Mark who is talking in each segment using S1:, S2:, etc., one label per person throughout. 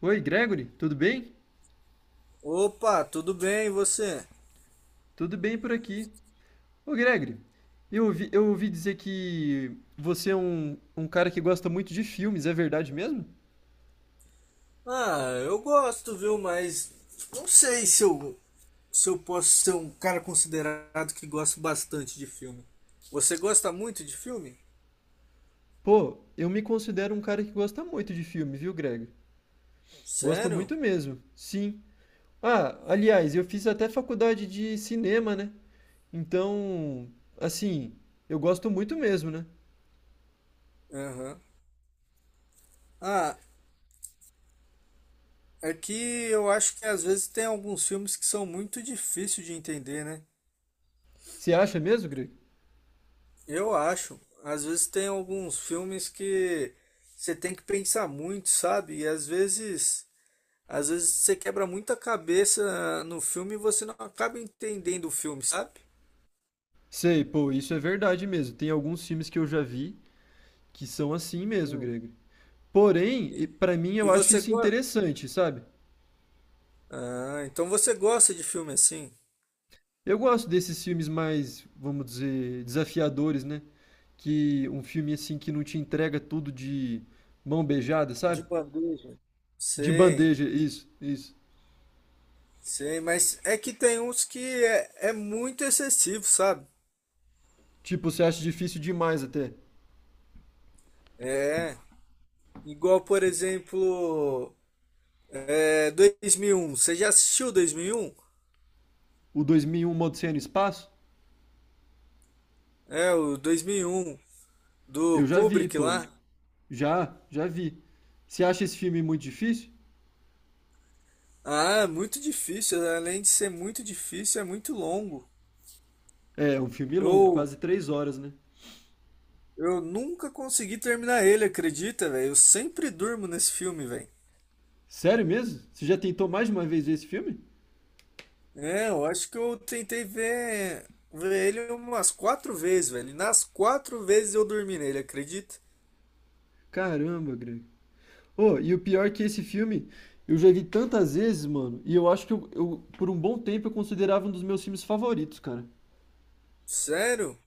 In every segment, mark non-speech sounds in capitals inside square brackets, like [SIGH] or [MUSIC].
S1: Oi, Gregory, tudo bem?
S2: Opa, tudo bem, e você?
S1: Tudo bem por aqui. Ô, Gregory, eu ouvi dizer que você é um cara que gosta muito de filmes, é verdade mesmo?
S2: Ah, eu gosto, viu? Mas não sei se eu posso ser um cara considerado que gosta bastante de filme. Você gosta muito de filme?
S1: Pô, eu me considero um cara que gosta muito de filme, viu, Gregory? Gosto
S2: Sério?
S1: muito mesmo, sim. Ah, aliás, eu fiz até faculdade de cinema, né? Então, assim, eu gosto muito mesmo, né?
S2: Aham. Ah, é que eu acho que às vezes tem alguns filmes que são muito difíceis de entender, né?
S1: Você acha mesmo, Greg?
S2: Eu acho. Às vezes tem alguns filmes que você tem que pensar muito, sabe? Às vezes você quebra muita cabeça no filme e você não acaba entendendo o filme, sabe?
S1: Sei, pô, isso é verdade mesmo. Tem alguns filmes que eu já vi que são assim mesmo,
S2: Hum.
S1: Greg. Porém,
S2: E
S1: pra mim
S2: e
S1: eu acho
S2: você
S1: isso
S2: gosta.
S1: interessante, sabe?
S2: Ah, então você gosta de filme assim?
S1: Eu gosto desses filmes mais, vamos dizer, desafiadores, né? Que um filme assim que não te entrega tudo de mão beijada,
S2: De
S1: sabe?
S2: bandeja.
S1: De
S2: Sim,
S1: bandeja, isso, isso.
S2: sim, mas é que tem uns que é muito excessivo, sabe?
S1: Tipo, você acha difícil demais até.
S2: É, igual por exemplo, é, 2001. Você já assistiu 2001?
S1: O 2001 Uma Odisseia no Espaço?
S2: É, o 2001 do
S1: Eu já vi,
S2: Kubrick
S1: pô.
S2: lá.
S1: Já vi. Você acha esse filme muito difícil?
S2: Ah, é muito difícil. Além de ser muito difícil, é muito longo.
S1: É um filme longo,
S2: Eu,
S1: quase 3 horas, né?
S2: eu nunca consegui terminar ele, acredita, velho? Eu sempre durmo nesse filme, velho.
S1: Sério mesmo? Você já tentou mais de uma vez ver esse filme?
S2: É, eu acho que eu tentei ver ele umas 4 vezes, velho. E nas 4 vezes eu dormi nele, acredita?
S1: Caramba, Greg. Ô, e o pior é que esse filme eu já vi tantas vezes, mano, e eu acho que eu, por um bom tempo, eu considerava um dos meus filmes favoritos, cara.
S2: Sério?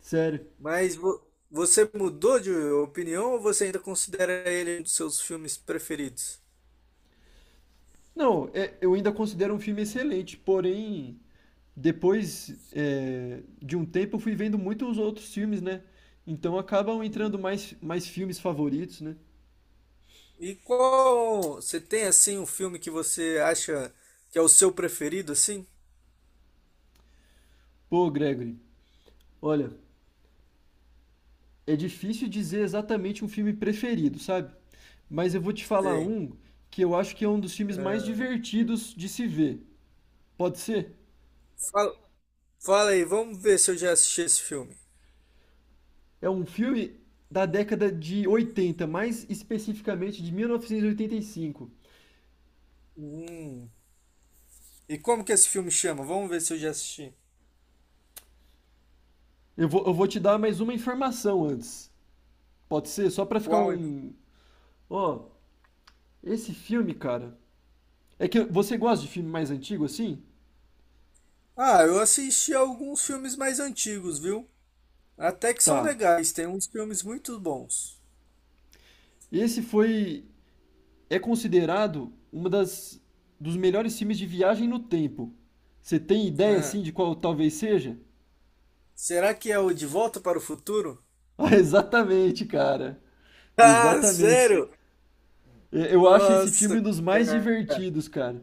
S1: Sério.
S2: Mas você mudou de opinião ou você ainda considera ele um dos seus filmes preferidos?
S1: Não, eu ainda considero um filme excelente. Porém, depois, de um tempo, eu fui vendo muitos outros filmes, né? Então acabam
S2: Hum.
S1: entrando mais filmes favoritos, né?
S2: E qual, você tem assim um filme que você acha que é o seu preferido, assim?
S1: Pô, Gregory, olha, é difícil dizer exatamente um filme preferido, sabe? Mas eu vou te falar
S2: Sei.
S1: um que eu acho que é um dos filmes mais divertidos de se ver. Pode ser?
S2: Fala, Fala aí, vamos ver se eu já assisti esse filme.
S1: É um filme da década de 80, mais especificamente de 1985.
S2: Hum. E como que esse filme chama? Vamos ver se eu já assisti.
S1: Eu vou te dar mais uma informação antes. Pode ser? Só pra ficar
S2: Qual?
S1: um. Ó, esse filme, cara. É que você gosta de filme mais antigo assim?
S2: Ah, eu assisti alguns filmes mais antigos, viu? Até que são
S1: Tá.
S2: legais, tem uns filmes muito bons.
S1: Esse foi. É considerado uma das. Dos melhores filmes de viagem no tempo. Você tem ideia
S2: Ah,
S1: assim de qual talvez seja? [LAUGHS]
S2: será que é o De Volta para o Futuro?
S1: Ah, exatamente, cara.
S2: [LAUGHS] Ah,
S1: Exatamente.
S2: sério?
S1: É, eu acho esse
S2: Nossa,
S1: filme um dos mais
S2: cara,
S1: divertidos, cara.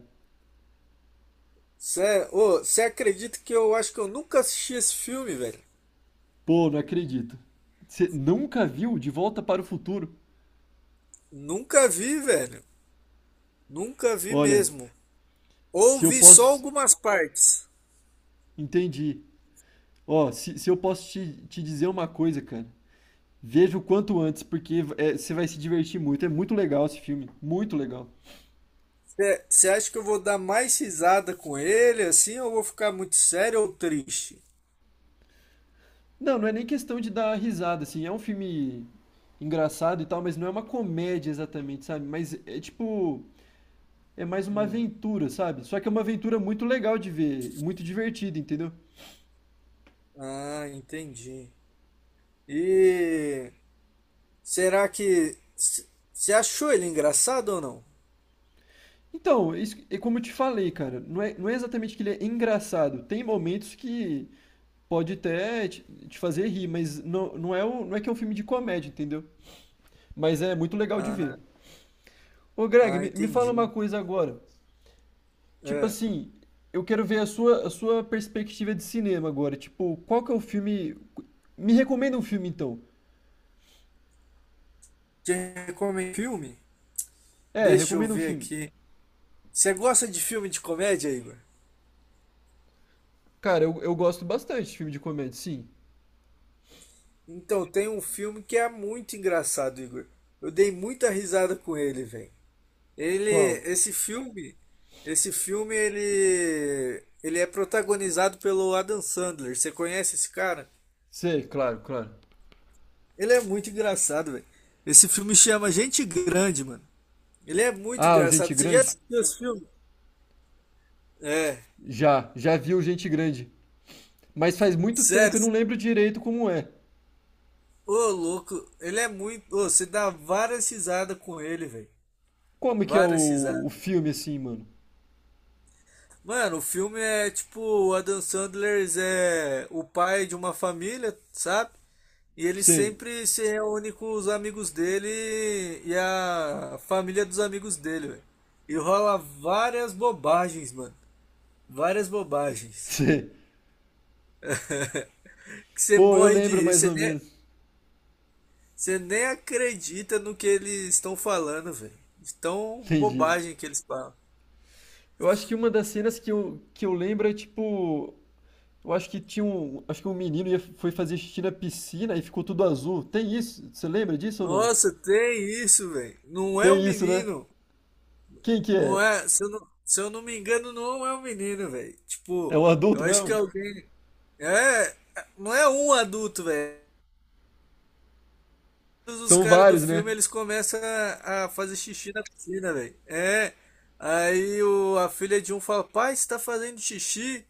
S2: sério. Ô, você acredita que eu acho que eu nunca assisti esse filme, velho?
S1: Pô, não acredito. Você nunca viu De Volta para o Futuro?
S2: Nunca vi, velho. Nunca vi
S1: Olha,
S2: mesmo. Ou
S1: se eu
S2: vi só
S1: posso.
S2: algumas partes.
S1: Entendi. Ó, se eu posso te dizer uma coisa, cara. Veja o quanto antes, porque você vai se divertir muito. É muito legal esse filme. Muito legal.
S2: Você acha que eu vou dar mais risada com ele assim, ou vou ficar muito sério ou triste?
S1: Não, não é nem questão de dar risada, assim. É um filme engraçado e tal, mas não é uma comédia exatamente, sabe? Mas é tipo. É mais uma
S2: Hum.
S1: aventura, sabe? Só que é uma aventura muito legal de ver, muito divertida, entendeu?
S2: Ah, entendi. E será que você achou ele engraçado ou não?
S1: Então, é isso, é como eu te falei, cara, não é exatamente que ele é engraçado. Tem momentos que pode até te fazer rir, mas não, não é que é um filme de comédia, entendeu? Mas é muito legal de
S2: Ah,
S1: ver. Ô, Greg,
S2: ah,
S1: me fala uma
S2: entendi.
S1: coisa agora. Tipo
S2: É.
S1: assim, eu quero ver a sua perspectiva de cinema agora. Tipo, qual que é o filme. Me recomenda um filme, então.
S2: Te recomendo filme?
S1: É,
S2: Deixa eu
S1: recomenda um
S2: ver
S1: filme.
S2: aqui. Você gosta de filme de comédia, Igor?
S1: Cara, eu gosto bastante de filme de comédia, sim.
S2: Então, tem um filme que é muito engraçado, Igor. Eu dei muita risada com ele, velho. Ele,
S1: Qual?
S2: esse filme, esse filme ele é protagonizado pelo Adam Sandler. Você conhece esse cara?
S1: Sei, claro, claro.
S2: Ele é muito engraçado, velho. Esse filme chama Gente Grande, mano. Ele é muito
S1: Ah, o Gente
S2: engraçado. Você já
S1: Grande?
S2: assistiu esse filme? É,
S1: Já viu Gente Grande. Mas faz muito tempo,
S2: sério.
S1: eu não lembro direito como é.
S2: Ô, louco, ele é muito. Ô, você dá várias risadas com ele, velho.
S1: Como que é
S2: Várias
S1: o
S2: risadas.
S1: filme assim, mano?
S2: Mano, o filme é tipo, o Adam Sandler é o pai de uma família, sabe? E ele
S1: Sei,
S2: sempre se reúne com os amigos dele e a família dos amigos dele, velho. E rola várias bobagens, mano. Várias
S1: [LAUGHS]
S2: bobagens.
S1: sei.
S2: Que você
S1: Pô, eu
S2: morre de
S1: lembro
S2: rir.
S1: mais ou menos.
S2: Você nem acredita no que eles estão falando, velho. De tão
S1: Entendi.
S2: bobagem que eles falam.
S1: Eu acho que uma das cenas que eu lembro é tipo. Eu acho que tinha um. Acho que um menino foi fazer xixi na piscina e ficou tudo azul. Tem isso? Você lembra disso ou não?
S2: Nossa, tem isso, velho. Não é o
S1: Tem isso, né?
S2: menino.
S1: Quem que é?
S2: Não é. Se eu não me engano, não é o menino, velho.
S1: É
S2: Tipo,
S1: um
S2: eu
S1: adulto
S2: acho que é
S1: mesmo?
S2: alguém. É, é, não é um adulto, velho. Todos os
S1: São
S2: caras do
S1: vários, né?
S2: filme eles começam a fazer xixi na piscina, velho. É. Aí a filha de um fala, pai, você tá fazendo xixi?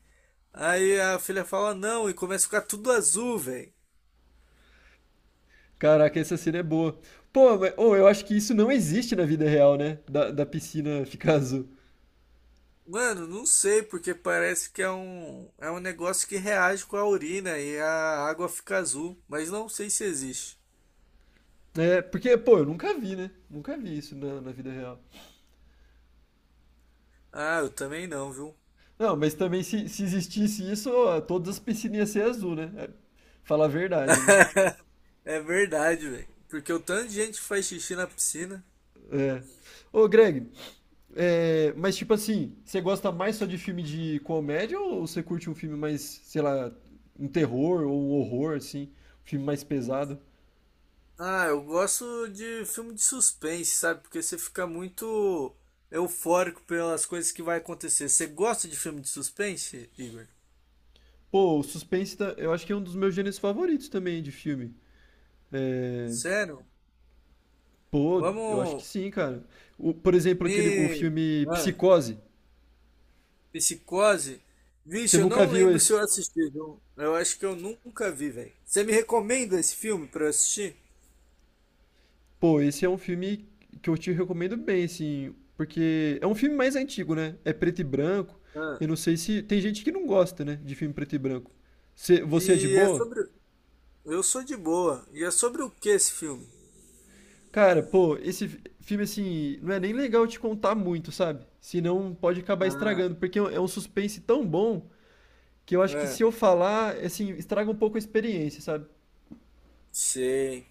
S2: Aí a filha fala, não, e começa a ficar tudo azul, velho.
S1: Caraca, essa cena é boa. Pô, mas, ô, eu acho que isso não existe na vida real, né? Da piscina [LAUGHS] ficar azul.
S2: Mano, não sei, porque parece que é um negócio que reage com a urina e a água fica azul, mas não sei se existe.
S1: É, porque, pô, eu nunca vi, né? Nunca vi isso na vida real.
S2: Ah, eu também não, viu?
S1: Não, mas também se existisse isso, ó, todas as piscinas iam ser azul, né? É, falar a verdade, né?
S2: [LAUGHS] É verdade, velho. Porque o tanto de gente que faz xixi na piscina.
S1: É. Ô, Greg, mas tipo assim, você gosta mais só de filme de comédia ou você curte um filme mais, sei lá, um terror ou um horror, assim? Um filme mais pesado?
S2: Ah, eu gosto de filme de suspense, sabe? Porque você fica muito eufórico pelas coisas que vai acontecer. Você gosta de filme de suspense, Igor?
S1: Pô, o suspense eu acho que é um dos meus gêneros favoritos também de filme. É,
S2: Sério?
S1: pô, eu acho que
S2: Vamos
S1: sim, cara. Por exemplo,
S2: me.
S1: aquele, o filme
S2: Ah,
S1: Psicose.
S2: Psicose?
S1: Você
S2: Vixe, eu
S1: nunca
S2: não
S1: viu
S2: lembro se
S1: esse?
S2: eu assisti, viu? Eu acho que eu nunca vi, velho. Você me recomenda esse filme pra eu assistir?
S1: Pô, esse é um filme que eu te recomendo bem, assim, porque é um filme mais antigo, né? É preto e branco.
S2: Ah,
S1: Eu não sei se. Tem gente que não gosta, né, de filme preto e branco. Você é de
S2: e é
S1: boa?
S2: sobre. Eu sou de boa. E é sobre o que esse filme?
S1: Cara, pô, esse filme, assim, não é nem legal te contar muito, sabe? Senão pode acabar
S2: Ah,
S1: estragando, porque é um suspense tão bom, que eu acho que
S2: é.
S1: se eu falar, assim, estraga um pouco a experiência, sabe?
S2: Sei.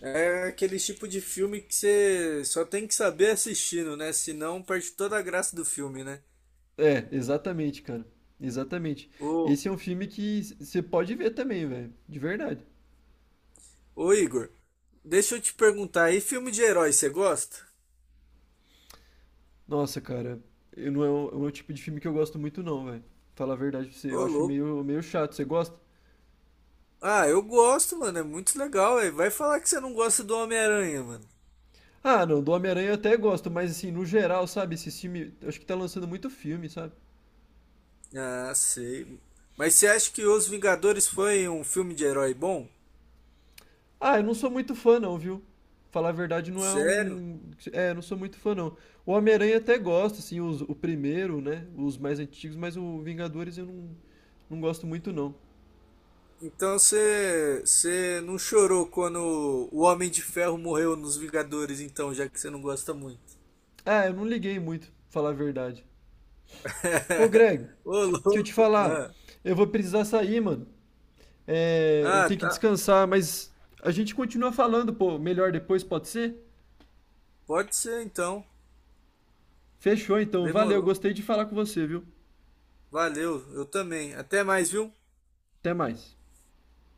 S2: É aquele tipo de filme que você só tem que saber assistindo, né? Senão perde toda a graça do filme, né?
S1: É, exatamente, cara. Exatamente.
S2: Ô,
S1: Esse é um filme que você pode ver também, velho. De verdade.
S2: ô Igor, deixa eu te perguntar, aí, filme de herói, você gosta?
S1: Nossa, cara, eu não é o tipo de filme que eu gosto muito, não, velho. Falar a verdade pra você, eu
S2: Ô,
S1: acho
S2: louco.
S1: meio chato. Você gosta?
S2: Ah, eu gosto, mano, é muito legal, velho. Vai falar que você não gosta do Homem-Aranha, mano.
S1: Ah, não, do Homem-Aranha eu até gosto, mas assim, no geral, sabe? Esse filme, eu acho que tá lançando muito filme, sabe?
S2: Ah, sei. Mas você acha que Os Vingadores foi um filme de herói bom?
S1: Ah, eu não sou muito fã não, viu? Falar a verdade não é
S2: Sério?
S1: um... É, eu não sou muito fã não. O Homem-Aranha até gosto, assim, o primeiro, né? Os mais antigos, mas o Vingadores eu não gosto muito não.
S2: Então você não chorou quando o Homem de Ferro morreu nos Vingadores, então, já que você não gosta muito.
S1: Ah, eu não liguei muito, falar a verdade. Ô
S2: [LAUGHS]
S1: Greg,
S2: Ô,
S1: deixa eu te
S2: louco!
S1: falar.
S2: Ah,
S1: Eu vou precisar sair, mano. É, eu
S2: ah,
S1: tenho que
S2: tá.
S1: descansar, mas a gente continua falando, pô, melhor depois, pode ser?
S2: Pode ser então.
S1: Fechou então, valeu,
S2: Demorou.
S1: gostei de falar com você, viu?
S2: Valeu, eu também. Até mais, viu?
S1: Até mais.